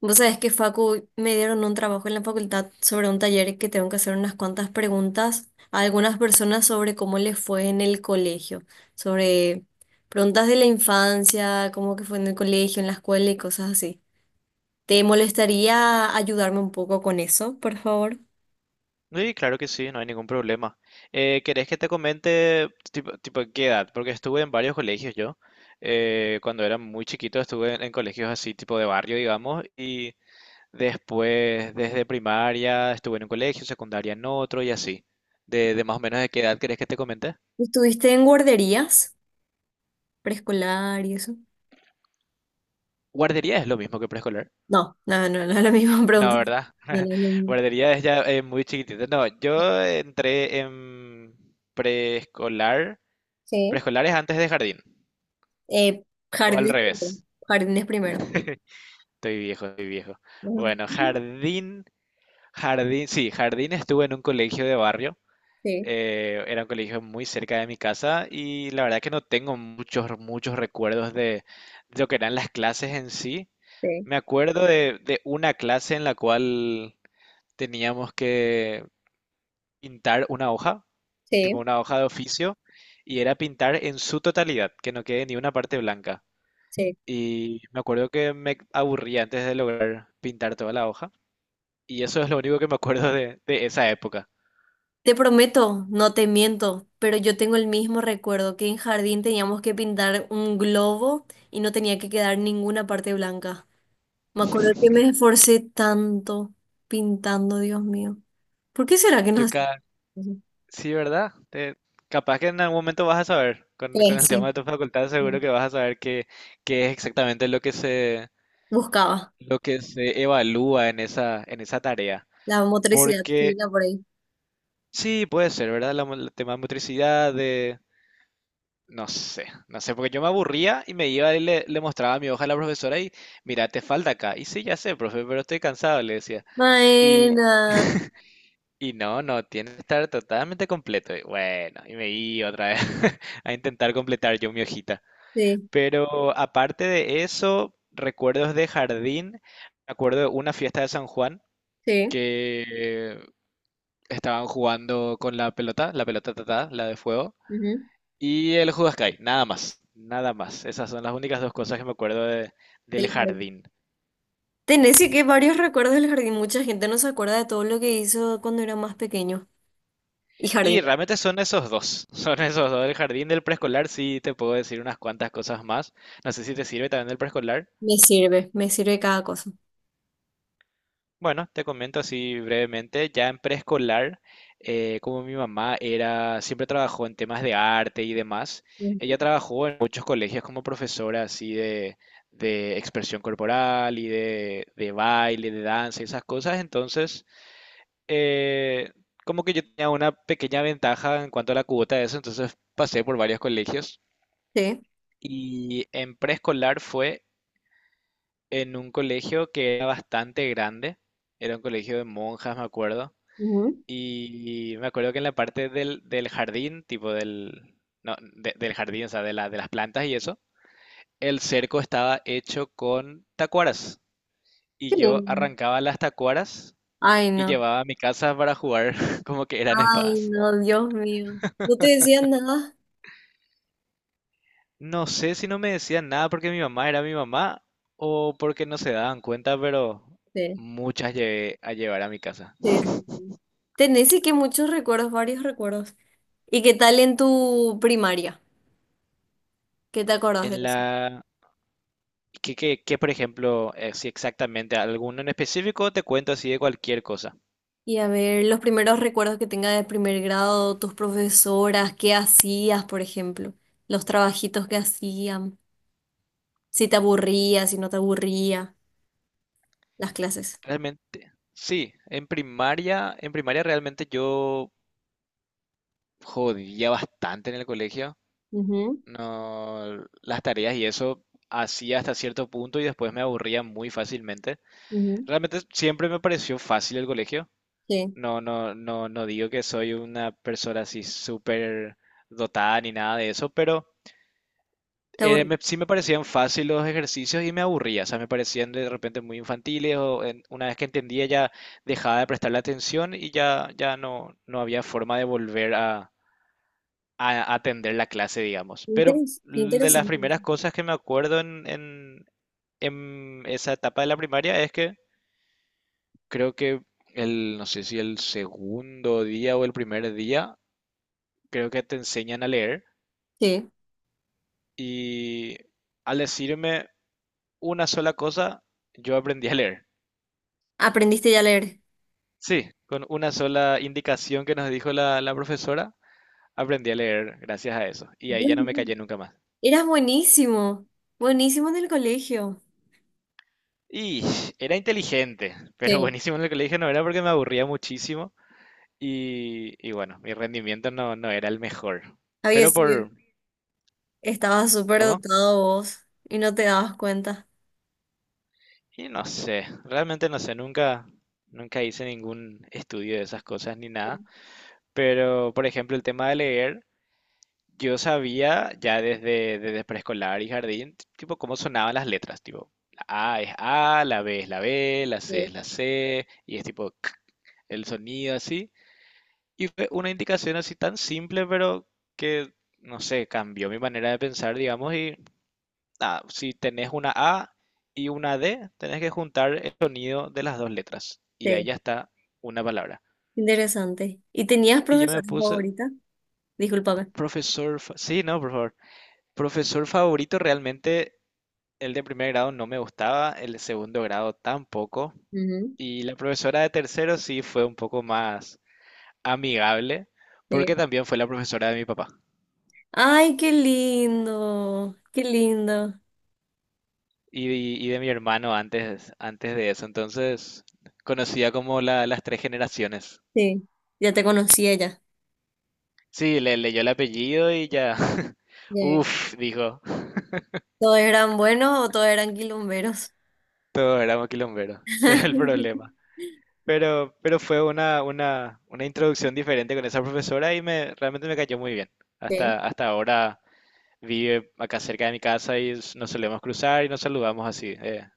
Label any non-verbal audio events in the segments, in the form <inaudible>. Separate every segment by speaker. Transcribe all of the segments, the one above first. Speaker 1: Vos sabés que Facu me dieron un trabajo en la facultad sobre un taller que tengo que hacer unas cuantas preguntas a algunas personas sobre cómo les fue en el colegio, sobre preguntas de la infancia, cómo que fue en el colegio, en la escuela y cosas así. ¿Te molestaría ayudarme un poco con eso, por favor?
Speaker 2: Sí, claro que sí, no hay ningún problema. ¿Querés que te comente tipo, qué edad? Porque estuve en varios colegios yo. Cuando era muy chiquito estuve en colegios así tipo de barrio, digamos, y después desde primaria estuve en un colegio, secundaria en otro y así. De más o menos de qué edad querés que te comente?
Speaker 1: ¿Estuviste en guarderías preescolar y eso?
Speaker 2: Guardería es lo mismo que preescolar.
Speaker 1: No, no, no, no es la misma <laughs> pregunta.
Speaker 2: No, ¿verdad?
Speaker 1: No, no es lo
Speaker 2: <laughs>
Speaker 1: mismo.
Speaker 2: Guardería es ya muy chiquitito. No, yo entré en preescolar.
Speaker 1: Sí.
Speaker 2: Preescolar es antes de jardín,
Speaker 1: Eh,
Speaker 2: o al
Speaker 1: Jardines primero.
Speaker 2: revés.
Speaker 1: Jardines primero.
Speaker 2: <laughs> Estoy viejo, estoy viejo.
Speaker 1: Ajá.
Speaker 2: Bueno, jardín, jardín, sí, jardín estuve en un colegio de barrio.
Speaker 1: Sí.
Speaker 2: Era un colegio muy cerca de mi casa y la verdad que no tengo muchos, muchos recuerdos lo que eran las clases en sí.
Speaker 1: Sí.
Speaker 2: Me acuerdo de una clase en la cual teníamos que pintar una hoja, tipo
Speaker 1: Sí,
Speaker 2: una hoja de oficio, y era pintar en su totalidad, que no quede ni una parte blanca.
Speaker 1: sí.
Speaker 2: Y me acuerdo que me aburría antes de lograr pintar toda la hoja. Y eso es lo único que me acuerdo de esa época.
Speaker 1: Te prometo, no te miento, pero yo tengo el mismo recuerdo que en jardín teníamos que pintar un globo y no tenía que quedar ninguna parte blanca. Me acuerdo que me esforcé tanto pintando, Dios mío. ¿Por qué será que no
Speaker 2: Yo
Speaker 1: hacían?
Speaker 2: ca- sí, ¿verdad? Capaz que en algún momento vas a saber, con
Speaker 1: Sí,
Speaker 2: el tema
Speaker 1: sí.
Speaker 2: de tu facultad
Speaker 1: Sí.
Speaker 2: seguro que vas a saber qué es exactamente lo que se,
Speaker 1: Buscaba
Speaker 2: lo que se evalúa en esa tarea.
Speaker 1: la motricidad
Speaker 2: Porque
Speaker 1: fina por ahí.
Speaker 2: sí, puede ser, ¿verdad? El tema de motricidad, de... No sé, no sé, porque yo me aburría y me iba y le mostraba mi hoja a la profesora y, mira, te falta acá. Y sí, ya sé, profe, pero estoy cansado, le decía.
Speaker 1: Maena.
Speaker 2: Y no, no, tiene que estar totalmente completo. Y bueno, y me iba otra vez <laughs> a intentar completar yo mi hojita.
Speaker 1: Sí,
Speaker 2: Pero aparte de eso, recuerdos de jardín. Me acuerdo de una fiesta de San Juan
Speaker 1: sí.
Speaker 2: que estaban jugando con la pelota tatá, la de fuego,
Speaker 1: Ujú.
Speaker 2: y el Huascay, nada más, nada más. Esas son las únicas dos cosas que me acuerdo del
Speaker 1: Del jardín.
Speaker 2: jardín.
Speaker 1: Tenés sí que varios recuerdos del jardín. Mucha gente no se acuerda de todo lo que hizo cuando era más pequeño. Y
Speaker 2: Y
Speaker 1: jardín.
Speaker 2: realmente son esos dos, <laughs> son esos dos. El jardín del preescolar sí te puedo decir unas cuantas cosas más. No sé si te sirve también del preescolar.
Speaker 1: Me sirve cada cosa.
Speaker 2: Bueno, te comento así brevemente. Ya en preescolar, como mi mamá era, siempre trabajó en temas de arte y demás,
Speaker 1: Ujú.
Speaker 2: ella trabajó en muchos colegios como profesora así de expresión corporal y de baile, de danza y esas cosas. Entonces, eh, como que yo tenía una pequeña ventaja en cuanto a la cuota de eso, entonces pasé por varios colegios.
Speaker 1: Sí.
Speaker 2: Y en preescolar fue en un colegio que era bastante grande, era un colegio de monjas, me acuerdo.
Speaker 1: Ujú.
Speaker 2: Y me acuerdo que en la parte del jardín, tipo del, no, del jardín, o sea, de las plantas y eso, el cerco estaba hecho con tacuaras.
Speaker 1: Qué
Speaker 2: Y yo
Speaker 1: lindo.
Speaker 2: arrancaba las tacuaras
Speaker 1: Ay,
Speaker 2: y
Speaker 1: no.
Speaker 2: llevaba a mi casa para jugar <laughs> como que eran
Speaker 1: Ay,
Speaker 2: espadas.
Speaker 1: no, Dios mío. ¿No te decían nada?
Speaker 2: No sé si no me decían nada porque mi mamá era mi mamá o porque no se daban cuenta, pero
Speaker 1: Sí,
Speaker 2: muchas llevé a llevar a mi casa.
Speaker 1: sí. Sí, sí. Tenés y que muchos recuerdos, varios recuerdos. ¿Y qué tal en tu primaria? ¿Qué te acordás de
Speaker 2: En
Speaker 1: eso?
Speaker 2: la... ¿Qué, por ejemplo, si exactamente alguno en específico te cuento así de cualquier cosa?
Speaker 1: Y a ver, los primeros recuerdos que tengas de primer grado, tus profesoras, qué hacías, por ejemplo, los trabajitos que hacían, si te aburría, si no te aburría, las clases.
Speaker 2: Realmente, sí, en primaria realmente yo jodía bastante en el colegio.
Speaker 1: Ujú,
Speaker 2: No, las tareas y eso hacía hasta cierto punto y después me aburría muy fácilmente.
Speaker 1: ujú.
Speaker 2: Realmente siempre me pareció fácil el colegio.
Speaker 1: Sí,
Speaker 2: No, no, no. No digo que soy una persona así súper dotada ni nada de eso, pero
Speaker 1: te aburría.
Speaker 2: sí me parecían fácil los ejercicios y me aburría, o sea, me parecían de repente muy infantiles o una vez que entendía ya dejaba de prestarle atención y ya no había forma de volver a atender la clase, digamos. Pero
Speaker 1: Qué
Speaker 2: de las
Speaker 1: interesante eso.
Speaker 2: primeras cosas que me acuerdo en esa etapa de la primaria es que creo que no sé si el segundo día o el primer día, creo que te enseñan a leer
Speaker 1: Sí.
Speaker 2: y al decirme una sola cosa, yo aprendí a leer.
Speaker 1: ¿Aprendiste ya a leer?
Speaker 2: Sí, con una sola indicación que nos dijo la profesora, aprendí a leer gracias a eso. Y ahí
Speaker 1: Dios
Speaker 2: ya no me
Speaker 1: mío.
Speaker 2: callé nunca más.
Speaker 1: Eras buenísimo, buenísimo en el colegio.
Speaker 2: Y era inteligente, pero
Speaker 1: Sí.
Speaker 2: buenísimo en el colegio no era porque me aburría muchísimo y bueno, mi rendimiento no era el mejor.
Speaker 1: Había
Speaker 2: Pero
Speaker 1: sido,
Speaker 2: por,
Speaker 1: estabas súper
Speaker 2: ¿Cómo?
Speaker 1: dotado vos y no te dabas cuenta.
Speaker 2: Y no sé, realmente no sé, nunca, nunca hice ningún estudio de esas cosas ni
Speaker 1: Sí.
Speaker 2: nada. Pero, por ejemplo, el tema de leer, yo sabía ya desde preescolar y jardín, tipo, cómo sonaban las letras, tipo, la A es A, la B es la B, la C
Speaker 1: Sí.
Speaker 2: es la C, y es tipo, k, el sonido así. Y fue una indicación así tan simple, pero que, no sé, cambió mi manera de pensar, digamos, y nada, si tenés una A y una D, tenés que juntar el sonido de las dos letras. Y ahí
Speaker 1: Sí.
Speaker 2: ya está una palabra.
Speaker 1: Interesante. ¿Y tenías
Speaker 2: Y yo
Speaker 1: profesora
Speaker 2: me puse,
Speaker 1: favorita? Discúlpame.
Speaker 2: profesor, sí, no, por favor. Profesor favorito realmente, el de primer grado no me gustaba, el de segundo grado tampoco,
Speaker 1: Ujú.
Speaker 2: y la profesora de tercero sí fue un poco más amigable,
Speaker 1: Sí.
Speaker 2: porque también fue la profesora de mi papá
Speaker 1: Ay, qué lindo, qué lindo.
Speaker 2: y, y de mi hermano antes de eso, entonces conocía como las tres generaciones.
Speaker 1: Sí, ya te conocía ya.
Speaker 2: Sí, le leyó el apellido y ya, <laughs>
Speaker 1: Ya.
Speaker 2: uff, dijo,
Speaker 1: ¿Todos eran buenos o todos eran quilomberos?
Speaker 2: todo era quilombero, <laughs> ese es el problema.
Speaker 1: <laughs>
Speaker 2: Pero fue una introducción diferente con esa profesora y realmente me cayó muy bien.
Speaker 1: Sí.
Speaker 2: Hasta ahora vive acá cerca de mi casa y nos solemos cruzar y nos saludamos así.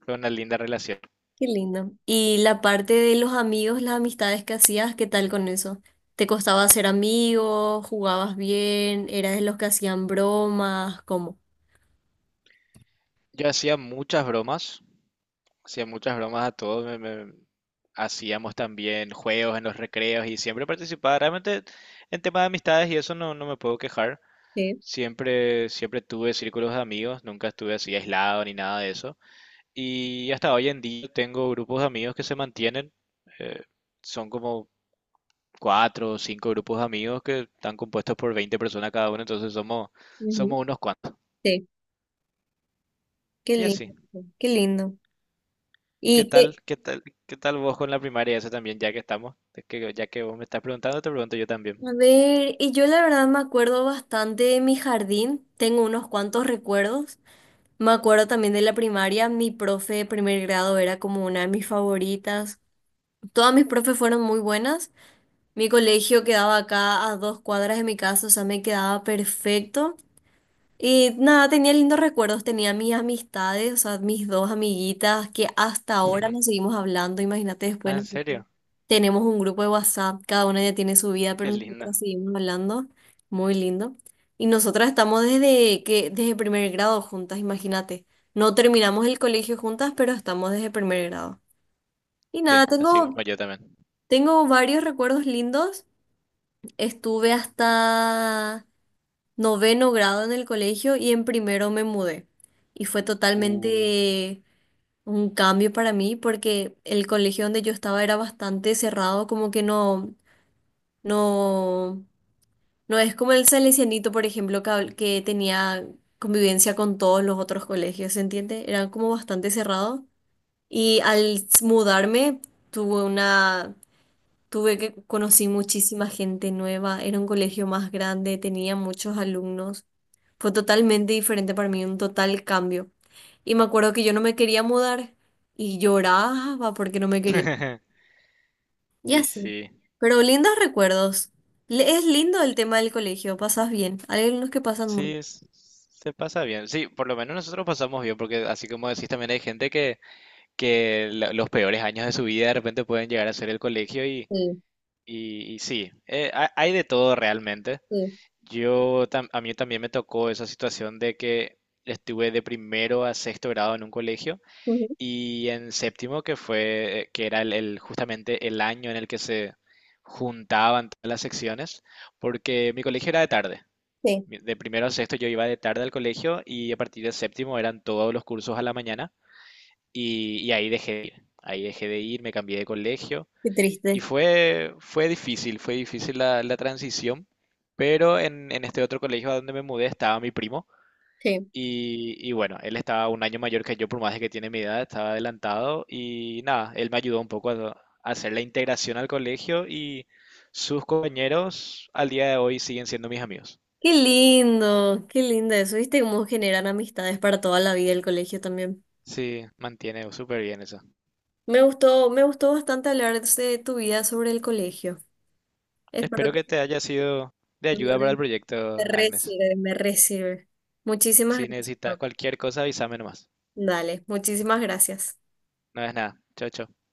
Speaker 2: Fue una linda relación.
Speaker 1: Qué lindo. Y la parte de los amigos, las amistades que hacías, ¿qué tal con eso? ¿Te costaba hacer amigos? ¿Jugabas bien? ¿Eras de los que hacían bromas? ¿Cómo?
Speaker 2: Yo hacía muchas bromas a todos. Hacíamos también juegos en los recreos y siempre participaba. Realmente en tema de amistades y eso no me puedo quejar.
Speaker 1: Sí,
Speaker 2: Siempre, siempre tuve círculos de amigos, nunca estuve así aislado ni nada de eso. Y hasta hoy en día tengo grupos de amigos que se mantienen. Eh, son como cuatro o cinco grupos de amigos que están compuestos por 20 personas cada uno, entonces somos,
Speaker 1: ujú,
Speaker 2: unos cuantos.
Speaker 1: sí. Qué
Speaker 2: Y
Speaker 1: lindo,
Speaker 2: así.
Speaker 1: qué lindo.
Speaker 2: ¿Qué
Speaker 1: Y que,
Speaker 2: tal, qué tal, qué tal vos con la primaria eso también, ya que estamos? Es que ya que vos me estás preguntando, te pregunto yo
Speaker 1: a
Speaker 2: también.
Speaker 1: ver, y yo la verdad me acuerdo bastante de mi jardín, tengo unos cuantos recuerdos. Me acuerdo también de la primaria, mi profe de primer grado era como una de mis favoritas. Todas mis profes fueron muy buenas. Mi colegio quedaba acá a dos cuadras de mi casa, o sea, me quedaba perfecto. Y nada, tenía lindos recuerdos, tenía mis amistades, o sea, mis dos amiguitas que hasta ahora nos
Speaker 2: <laughs>
Speaker 1: seguimos hablando. Imagínate, después
Speaker 2: Ah, ¿en
Speaker 1: nosotros
Speaker 2: serio?
Speaker 1: tenemos un grupo de WhatsApp, cada una ya tiene su vida,
Speaker 2: Qué
Speaker 1: pero
Speaker 2: lindo.
Speaker 1: nosotras seguimos hablando, muy lindo. Y nosotras estamos desde que desde primer grado juntas, imagínate. No terminamos el colegio juntas, pero estamos desde primer grado. Y
Speaker 2: Sí,
Speaker 1: nada,
Speaker 2: así como
Speaker 1: tengo
Speaker 2: yo también.
Speaker 1: tengo varios recuerdos lindos. Estuve hasta noveno grado en el colegio y en primero me mudé. Y fue
Speaker 2: Uh,
Speaker 1: totalmente un cambio para mí porque el colegio donde yo estaba era bastante cerrado, como que no, no es como el Salesianito, por ejemplo, que, que tenía convivencia con todos los otros colegios, ¿se entiende? Era como bastante cerrado. Y al mudarme tuve una tuve que conocí muchísima gente nueva, era un colegio más grande, tenía muchos alumnos. Fue totalmente diferente para mí, un total cambio. Y me acuerdo que yo no me quería mudar y lloraba porque no me quería.
Speaker 2: <laughs>
Speaker 1: Y
Speaker 2: Y
Speaker 1: así.
Speaker 2: sí,
Speaker 1: Pero lindos recuerdos. Es lindo el tema del colegio, pasas bien. Hay algunos que pasan
Speaker 2: sí,
Speaker 1: muy.
Speaker 2: se pasa bien. Sí, por lo menos nosotros pasamos bien, porque así como decís, también hay gente que los peores años de su vida de repente pueden llegar a ser el colegio y,
Speaker 1: Bien.
Speaker 2: y- y sí, hay de todo realmente.
Speaker 1: Sí, sí,
Speaker 2: A mí también me tocó esa situación de que estuve de primero a sexto grado en un colegio
Speaker 1: ujú,
Speaker 2: y en séptimo, que fue, que era justamente el año en el que se juntaban todas las secciones, porque mi colegio era de tarde.
Speaker 1: sí.
Speaker 2: De primero a sexto yo iba de tarde al colegio y a partir de séptimo eran todos los cursos a la mañana y ahí dejé de ir. Ahí dejé de ir, me cambié de colegio
Speaker 1: Qué
Speaker 2: y
Speaker 1: triste.
Speaker 2: fue difícil, fue difícil la transición, pero en este otro colegio a donde me mudé estaba mi primo
Speaker 1: Sí.
Speaker 2: y bueno, él estaba un año mayor que yo, por más de que tiene mi edad, estaba adelantado y nada, él me ayudó un poco a hacer la integración al colegio y sus compañeros al día de hoy siguen siendo mis amigos.
Speaker 1: Qué lindo eso. ¿Viste cómo generan amistades para toda la vida el colegio también?
Speaker 2: Sí, mantiene súper bien eso.
Speaker 1: Me gustó bastante hablar de tu vida sobre el colegio. Espero
Speaker 2: Espero
Speaker 1: que
Speaker 2: que te haya sido de
Speaker 1: me
Speaker 2: ayuda
Speaker 1: re,
Speaker 2: para el proyecto,
Speaker 1: me re
Speaker 2: Agnes.
Speaker 1: sirve, me re sirve. Muchísimas
Speaker 2: Si
Speaker 1: gracias.
Speaker 2: necesitas
Speaker 1: Pau.
Speaker 2: cualquier cosa, avísame nomás.
Speaker 1: Dale, muchísimas gracias.
Speaker 2: No es nada. Chao, chao.